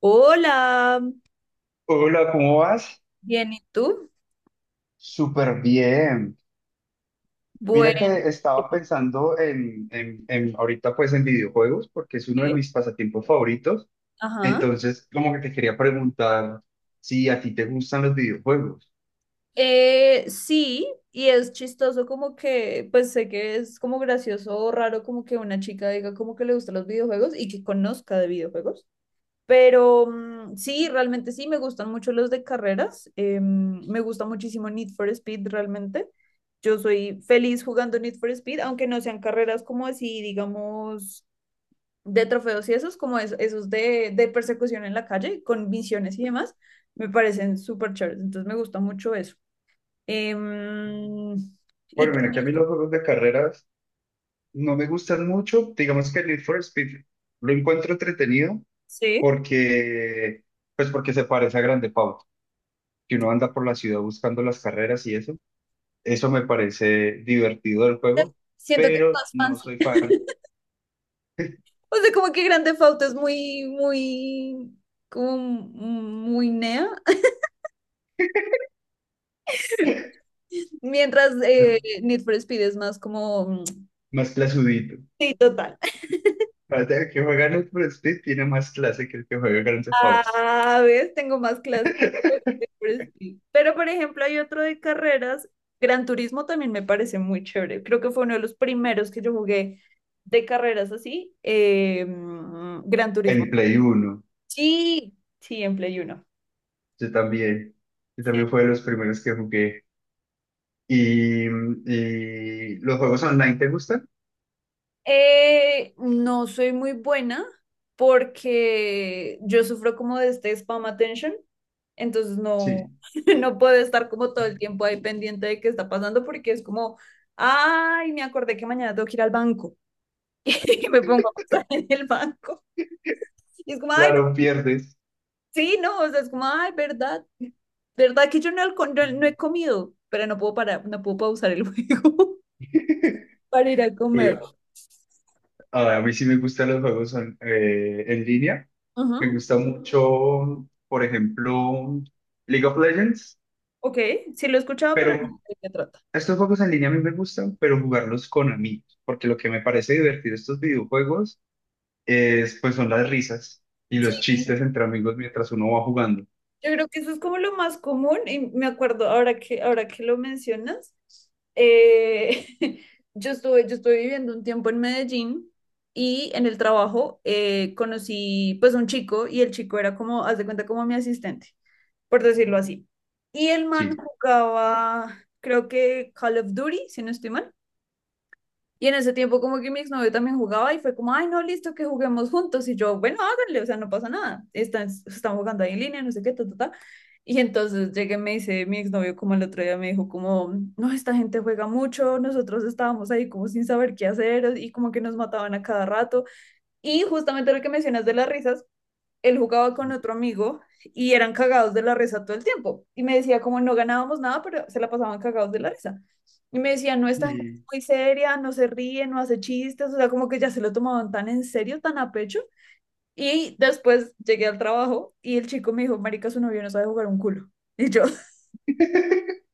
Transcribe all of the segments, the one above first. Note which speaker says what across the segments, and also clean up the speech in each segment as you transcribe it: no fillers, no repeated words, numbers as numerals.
Speaker 1: Hola,
Speaker 2: Hola, ¿cómo vas?
Speaker 1: bien, ¿y tú?
Speaker 2: Súper bien. Mira
Speaker 1: Bueno,
Speaker 2: que estaba pensando en ahorita pues en videojuegos porque es uno de
Speaker 1: ¿eh?
Speaker 2: mis pasatiempos favoritos.
Speaker 1: Ajá.
Speaker 2: Entonces, como que te quería preguntar si a ti te gustan los videojuegos.
Speaker 1: Sí, y es chistoso como que, pues sé que es como gracioso o raro como que una chica diga como que le gustan los videojuegos y que conozca de videojuegos, pero sí, realmente sí, me gustan mucho los de carreras, me gusta muchísimo Need for Speed realmente. Yo soy feliz jugando Need for Speed, aunque no sean carreras como así, digamos de trofeos y esos, como esos de, persecución en la calle, con misiones y demás, me parecen súper chéveres. Entonces me gusta mucho eso. Em, y
Speaker 2: Bueno, mira que a
Speaker 1: también,
Speaker 2: mí los juegos de carreras no me gustan mucho. Digamos que el Need for Speed lo encuentro entretenido
Speaker 1: sí,
Speaker 2: porque pues porque se parece a Grand Theft Auto, que uno anda por la ciudad buscando las carreras y eso. Eso me parece divertido del juego,
Speaker 1: siento que es
Speaker 2: pero
Speaker 1: más
Speaker 2: no
Speaker 1: fancy.
Speaker 2: soy fan.
Speaker 1: O sea, como que Grand Theft Auto es muy, muy, como muy nea. Mientras
Speaker 2: No,
Speaker 1: Need for Speed es más como...
Speaker 2: más clasudito.
Speaker 1: Sí, total.
Speaker 2: Aparte, el que juega Need for Speed tiene más clase que el que juega Grand Theft Auto.
Speaker 1: Ah, ves, tengo más clases de Frisbee. Pero, por ejemplo, hay otro de carreras. Gran Turismo también me parece muy chévere. Creo que fue uno de los primeros que yo jugué de carreras así. Gran Turismo.
Speaker 2: En Play Uno.
Speaker 1: Sí, sí, en Play Uno.
Speaker 2: Yo también. Yo también fue de los primeros que jugué. Y los juegos online, ¿te gustan?
Speaker 1: No soy muy buena porque yo sufro como de este spam attention, entonces no,
Speaker 2: Sí.
Speaker 1: no puedo estar como todo el tiempo ahí pendiente de qué está pasando porque es como, ay, me acordé que mañana tengo que ir al banco y me pongo a pasar en el banco. Y es como, ay,
Speaker 2: Claro, pierdes.
Speaker 1: sí, no, o sea, es como, ay, verdad, verdad que yo no, no, no he comido, pero no puedo parar, no puedo pausar el juego para ir a comer.
Speaker 2: Pero, ah, a mí sí me gustan los juegos en línea. Me
Speaker 1: Ujú.
Speaker 2: gusta mucho, por ejemplo, League of Legends.
Speaker 1: Ok, sí lo he escuchado, pero
Speaker 2: Pero
Speaker 1: no sé de qué trata.
Speaker 2: estos juegos en línea a mí me gustan, pero jugarlos con amigos, porque lo que me parece divertido de estos videojuegos es, pues son las risas y los chistes entre amigos mientras uno va jugando.
Speaker 1: Yo creo que eso es como lo más común y me acuerdo ahora que lo mencionas, eh, yo estuve viviendo un tiempo en Medellín y en el trabajo conocí pues un chico y el chico era como, haz de cuenta, como mi asistente, por decirlo así. Y el man
Speaker 2: Sí.
Speaker 1: jugaba, creo que Call of Duty, si no estoy mal. Y en ese tiempo como que mi exnovio también jugaba y fue como, ay, no, listo, que juguemos juntos. Y yo, bueno, háganle, o sea, no pasa nada. Están jugando ahí en línea, no sé qué, ta, ta, ta. Y entonces llegué y me dice mi exnovio como el otro día me dijo como, no, esta gente juega mucho, nosotros estábamos ahí como sin saber qué hacer y como que nos mataban a cada rato. Y justamente lo que mencionas de las risas, él jugaba con otro amigo y eran cagados de la risa todo el tiempo. Y me decía, como no ganábamos nada, pero se la pasaban cagados de la risa. Y me decía, no, esta gente es
Speaker 2: Sí.
Speaker 1: muy seria, no se ríe, no hace chistes, o sea, como que ya se lo tomaban tan en serio, tan a pecho. Y después llegué al trabajo y el chico me dijo, marica, su novio no sabe jugar un culo. Y yo,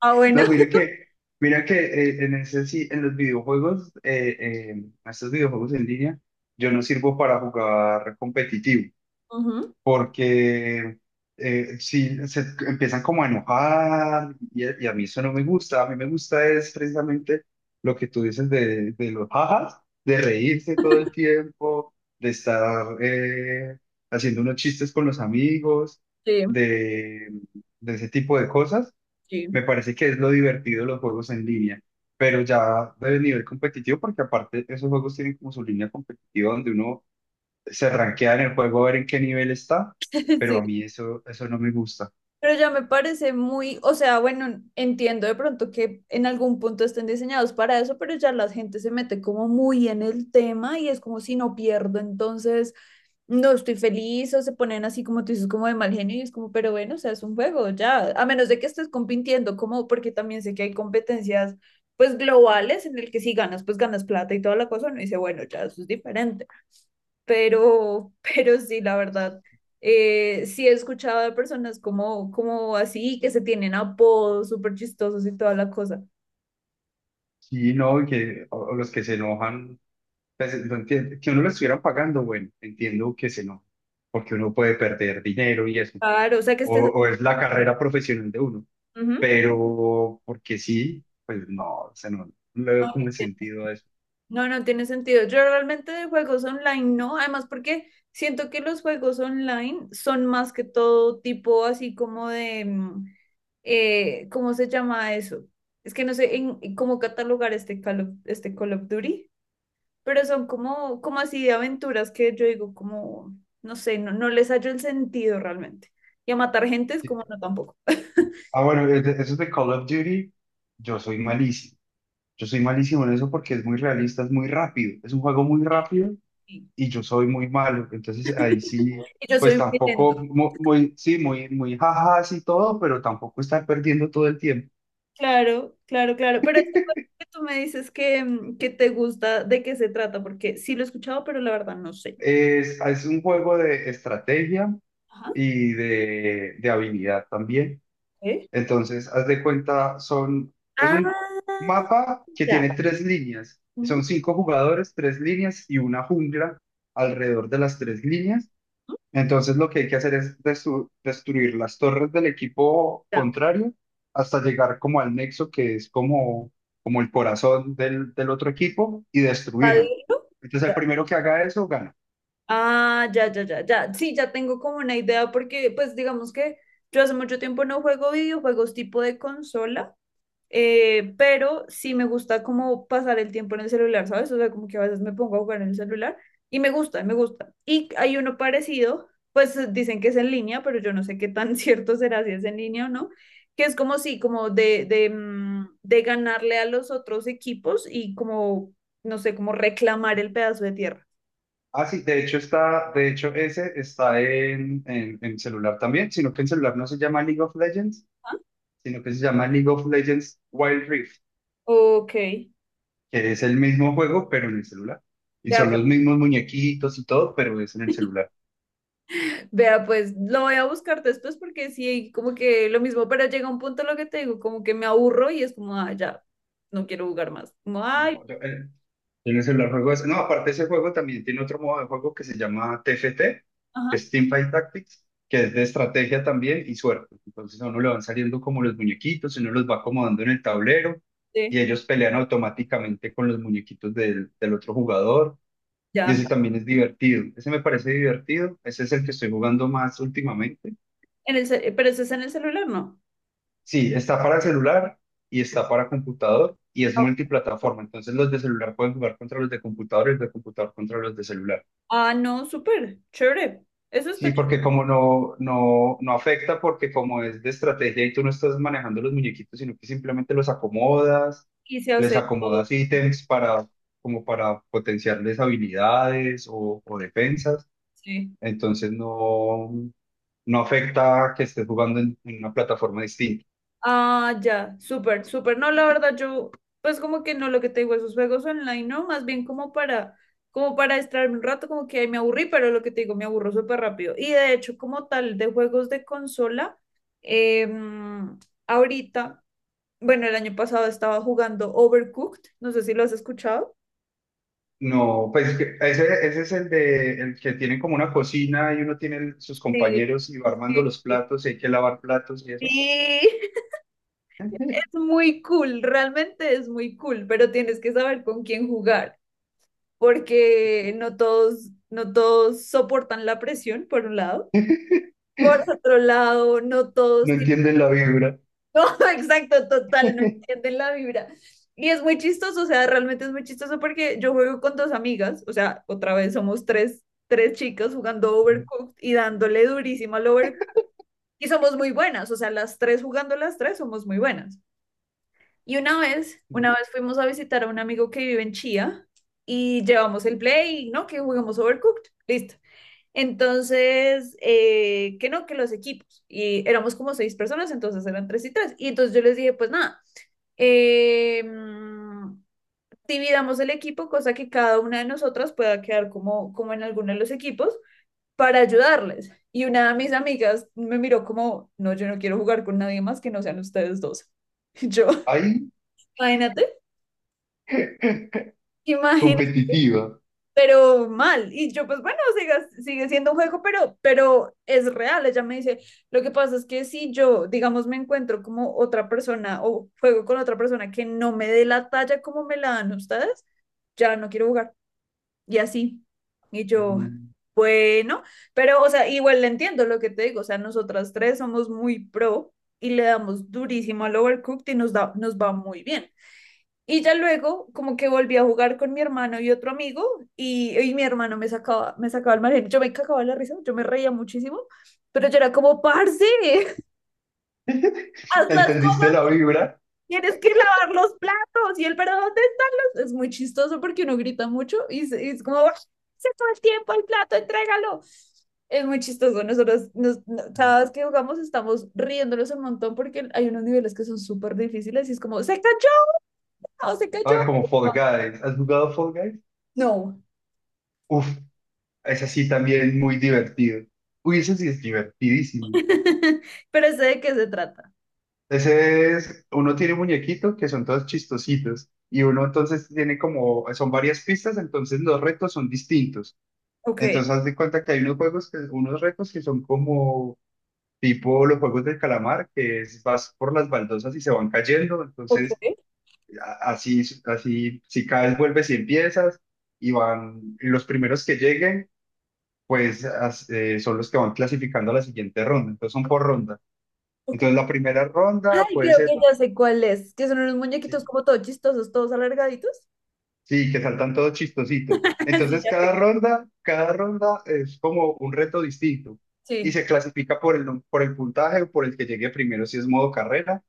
Speaker 1: ah, bueno.
Speaker 2: No, mira que en ese sí, en los videojuegos, estos videojuegos en línea, yo no sirvo para jugar competitivo.
Speaker 1: Ujú.
Speaker 2: Porque si se empiezan como a enojar y a mí eso no me gusta, a mí me gusta es precisamente lo que tú dices de los jajas, de reírse todo el tiempo, de estar haciendo unos chistes con los amigos,
Speaker 1: Sí,
Speaker 2: de, de ese tipo de cosas.
Speaker 1: sí,
Speaker 2: Me parece que es lo divertido de los juegos en línea. Pero ya de nivel competitivo, porque aparte esos juegos tienen como su línea competitiva donde uno se rankea en el juego a ver en qué nivel está, pero
Speaker 1: sí.
Speaker 2: a mí eso no me gusta.
Speaker 1: Pero ya me parece muy, o sea, bueno, entiendo de pronto que en algún punto estén diseñados para eso, pero ya la gente se mete como muy en el tema y es como si no pierdo, entonces no estoy feliz o se ponen así como tú dices, como de mal genio y es como, pero bueno, o sea, es un juego, ya, a menos de que estés compitiendo, como porque también sé que hay competencias pues globales en el que si ganas, pues ganas plata y toda la cosa, uno dice, bueno, ya, eso es diferente pero, pero sí, la verdad, sí he escuchado de personas como, como así, que se tienen apodos súper chistosos y toda la cosa.
Speaker 2: Y no, y que o los que se enojan, pues, no entiendo, que uno lo estuviera pagando, bueno, entiendo que se enojan, porque uno puede perder dinero y eso,
Speaker 1: Claro, o sea que
Speaker 2: o,
Speaker 1: estés...
Speaker 2: o es la carrera profesional de uno,
Speaker 1: Ujú.
Speaker 2: pero porque sí, pues no, o sea, no, no le veo como el sentido a eso.
Speaker 1: No, no tiene sentido. Yo realmente de juegos online no, además porque siento que los juegos online son más que todo tipo así como de, ¿cómo se llama eso? Es que no sé en cómo catalogar este Call of Duty. Pero son como, como así de aventuras que yo digo, como, no sé, no, no les hallo el sentido realmente. Y a matar gente es
Speaker 2: Sí.
Speaker 1: como, no, tampoco.
Speaker 2: Ah, bueno, eso es de Call of Duty, yo soy malísimo. Yo soy malísimo en eso porque es muy realista, es muy rápido, es un juego muy rápido
Speaker 1: Y
Speaker 2: y yo soy muy malo. Entonces ahí sí,
Speaker 1: y yo soy
Speaker 2: pues
Speaker 1: muy lento.
Speaker 2: tampoco, muy, sí, muy, muy jajas y todo, pero tampoco estar perdiendo todo el tiempo.
Speaker 1: Claro, claro, claro. Pero esto que tú me dices que, que te gusta, ¿de qué se trata? Porque sí lo he escuchado, pero la verdad no sé.
Speaker 2: Es un juego de estrategia
Speaker 1: Ajá.
Speaker 2: y de habilidad también.
Speaker 1: ¿Eh?
Speaker 2: Entonces, haz de cuenta, son, es un
Speaker 1: Ah,
Speaker 2: mapa que
Speaker 1: ya.
Speaker 2: tiene 3 líneas. Son
Speaker 1: Ujú,
Speaker 2: 5 jugadores, 3 líneas y una jungla alrededor de las 3 líneas. Entonces lo que hay que hacer es destruir las torres del equipo
Speaker 1: ya.
Speaker 2: contrario hasta llegar como al nexo que es como, como el corazón del otro equipo y destruirlo.
Speaker 1: Padrino,
Speaker 2: Entonces el primero que haga eso gana.
Speaker 1: ah, ya, ya, ya, ya. Sí, ya tengo como una idea porque, pues, digamos que yo hace mucho tiempo no juego videojuegos tipo de consola, pero sí me gusta como pasar el tiempo en el celular, ¿sabes? O sea, como que a veces me pongo a jugar en el celular y me gusta, me gusta. Y hay uno parecido, pues dicen que es en línea, pero yo no sé qué tan cierto será si es en línea o no, que es como sí, como de, de ganarle a los otros equipos y como, no sé, como reclamar el pedazo de tierra.
Speaker 2: Ah, sí, de hecho está, de hecho ese está en celular también, sino que en celular no se llama League of Legends,
Speaker 1: Ah,
Speaker 2: sino que se llama League of Legends Wild Rift,
Speaker 1: ok.
Speaker 2: que es el mismo juego pero en el celular. Y
Speaker 1: Vea
Speaker 2: son
Speaker 1: pues,
Speaker 2: los mismos muñequitos y todo, pero es en el celular.
Speaker 1: vea pues, lo voy a buscar después porque sí, como que lo mismo, pero llega un punto lo que te digo, como que me aburro y es como, ah, ya, no quiero jugar más. Como, ay,
Speaker 2: No, yo, en el celular juego ese. No, aparte ese juego también tiene otro modo de juego que se llama TFT, que
Speaker 1: ajá,
Speaker 2: es Teamfight Tactics, que es de estrategia también y suerte. Entonces a uno le van saliendo como los muñequitos, uno los va acomodando en el tablero
Speaker 1: sí,
Speaker 2: y ellos pelean automáticamente con los muñequitos del otro jugador. Y
Speaker 1: ya.
Speaker 2: ese también es divertido. Ese me parece divertido. Ese es el que estoy jugando más últimamente.
Speaker 1: Pero eso es en el celular, ¿no?
Speaker 2: Sí, está para celular y está para computador y es multiplataforma. Entonces los de celular pueden jugar contra los de computador y los de computador contra los de celular.
Speaker 1: Ah, no, súper, chévere. Eso
Speaker 2: Sí,
Speaker 1: está chévere.
Speaker 2: porque como no afecta, porque como es de estrategia y tú no estás manejando los muñequitos, sino que simplemente los acomodas,
Speaker 1: Y se
Speaker 2: les
Speaker 1: hace todo,
Speaker 2: acomodas ítems para, como para potenciarles habilidades o defensas,
Speaker 1: sí.
Speaker 2: entonces no, no afecta que estés jugando en una plataforma distinta.
Speaker 1: Ah, ya, súper, súper. No, la verdad, yo, pues como que no lo que te digo, esos juegos online, no, más bien como para, como para distraerme un rato, como que ahí me aburrí, pero lo que te digo, me aburro súper rápido. Y de hecho, como tal, de juegos de consola, em, ahorita, bueno, el año pasado estaba jugando Overcooked, no sé si lo has escuchado.
Speaker 2: No, ese, ese es el de el que tienen como una cocina y uno tiene sus
Speaker 1: Sí,
Speaker 2: compañeros y va armando
Speaker 1: sí,
Speaker 2: los
Speaker 1: sí.
Speaker 2: platos y hay que lavar platos y eso.
Speaker 1: Sí, es muy cool, realmente es muy cool, pero tienes que saber con quién jugar. Porque no todos, no todos soportan la presión, por un lado. Por otro lado, no
Speaker 2: No
Speaker 1: todos tienen,
Speaker 2: entienden la vibra.
Speaker 1: no, exacto, total, no entienden la vibra. Y es muy chistoso, o sea, realmente es muy chistoso porque yo juego con dos amigas, o sea, otra vez somos tres, tres chicas jugando Overcooked y dándole durísimo al Overcooked. Y somos muy buenas, o sea, las tres jugando las tres somos muy buenas. Y una vez fuimos a visitar a un amigo que vive en Chía y llevamos el play, ¿no? Que jugamos Overcooked. Listo. Entonces, que no, que los equipos. Y éramos como seis personas, entonces eran tres y tres. Y entonces yo les dije, pues nada, eh, mm, dividamos el equipo, cosa que cada una de nosotras pueda quedar como, como en alguno de los equipos para ayudarles. Y una de mis amigas me miró como, no, yo no quiero jugar con nadie más que no sean ustedes dos. Y yo,
Speaker 2: Ahí,
Speaker 1: imagínate, imagínate
Speaker 2: competitiva.
Speaker 1: pero mal. Y yo, pues bueno, sigue siendo un juego, pero es real. Ella me dice, lo que pasa es que si yo, digamos, me encuentro como otra persona o juego con otra persona que no me dé la talla como me la dan ustedes, ya no quiero jugar. Y así. Y yo, bueno, pero, o sea, igual le entiendo lo que te digo. O sea, nosotras tres somos muy pro y le damos durísimo al overcooked y nos, da, nos va muy bien. Y ya luego, como que volví a jugar con mi hermano y otro amigo, y mi hermano me sacaba el margen. Yo me cagaba la risa, yo me reía muchísimo, pero yo era como, parce, hazlas,
Speaker 2: ¿Entendiste la vibra?
Speaker 1: tienes que lavar los platos, y él, pero ¿dónde están los? Es muy chistoso porque uno grita mucho y, y es como, "Ah, se todo el tiempo el plato, entrégalo. Es muy chistoso. Nosotros, nos, no- Cada vez que jugamos, estamos riéndonos un montón porque hay unos niveles que son súper difíciles y es como, se cayó, o se cayó
Speaker 2: Ah, como Fall
Speaker 1: algo".
Speaker 2: Guys. ¿Has jugado Fall Guys?
Speaker 1: No,
Speaker 2: Uf, esa sí también muy divertido. Uy, ese sí es divertidísimo.
Speaker 1: pero sé de qué se trata.
Speaker 2: Ese es, uno tiene muñequitos que son todos chistositos y uno entonces tiene como, son varias pistas, entonces los retos son distintos.
Speaker 1: Ok,
Speaker 2: Entonces haz de cuenta que hay unos juegos que, unos retos que son como tipo los juegos del calamar, que es vas por las baldosas y se van cayendo,
Speaker 1: ok,
Speaker 2: entonces así, así, si caes, vuelves y empiezas, y van, y los primeros que lleguen, pues son los que van clasificando a la siguiente ronda, entonces son por ronda.
Speaker 1: ok.
Speaker 2: Entonces la primera ronda
Speaker 1: Ay,
Speaker 2: puede
Speaker 1: creo que
Speaker 2: ser,
Speaker 1: ya sé cuál es, que son unos muñequitos
Speaker 2: sí,
Speaker 1: como todos chistosos, todos alargaditos.
Speaker 2: sí, que saltan todos chistositos.
Speaker 1: Sí,
Speaker 2: Entonces
Speaker 1: ya sé que-
Speaker 2: cada ronda es como un reto distinto. Y
Speaker 1: sí,
Speaker 2: se clasifica por el, por el puntaje o por el que llegue primero, si es modo carrera,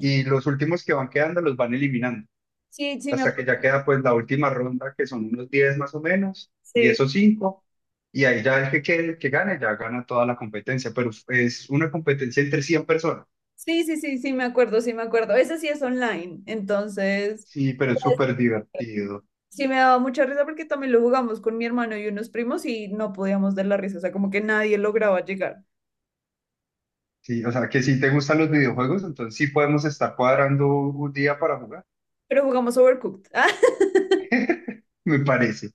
Speaker 2: y los últimos que van quedando los van eliminando,
Speaker 1: sí, sí, sí, me
Speaker 2: hasta que ya
Speaker 1: acuerdo.
Speaker 2: queda pues la última ronda, que son unos 10 más o menos,
Speaker 1: Sí,
Speaker 2: 10 o 5, y ahí ya el que quede, el que gane ya gana toda la competencia, pero es una competencia entre 100 personas,
Speaker 1: sí, sí, sí, sí, me acuerdo, sí, me acuerdo. Ese sí es online, entonces
Speaker 2: sí, pero es súper divertido.
Speaker 1: sí me daba mucha risa porque también lo jugamos con mi hermano y unos primos y no podíamos dar la risa, o sea, como que nadie lograba llegar,
Speaker 2: Sí, o sea que si te gustan los videojuegos, entonces sí podemos estar cuadrando un día para jugar,
Speaker 1: pero jugamos Overcooked.
Speaker 2: me parece,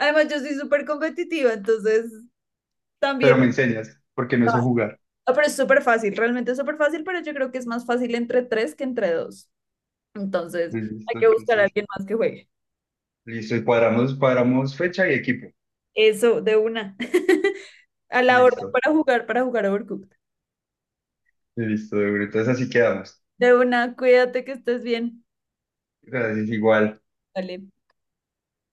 Speaker 1: Además, yo soy súper competitiva, entonces
Speaker 2: pero
Speaker 1: también.
Speaker 2: me enseñas, porque no sé jugar,
Speaker 1: Ah, pero es súper fácil, realmente es súper fácil, pero yo creo que es más fácil entre tres que entre dos. Entonces, hay
Speaker 2: listo,
Speaker 1: que buscar a
Speaker 2: entonces,
Speaker 1: alguien más que juegue.
Speaker 2: listo, y cuadramos, cuadramos fecha y equipo,
Speaker 1: Eso, de una. A la orden
Speaker 2: listo,
Speaker 1: para jugar Overcooked.
Speaker 2: listo, de una. Entonces así quedamos.
Speaker 1: De una, cuídate que estés bien.
Speaker 2: Gracias, igual.
Speaker 1: Dale.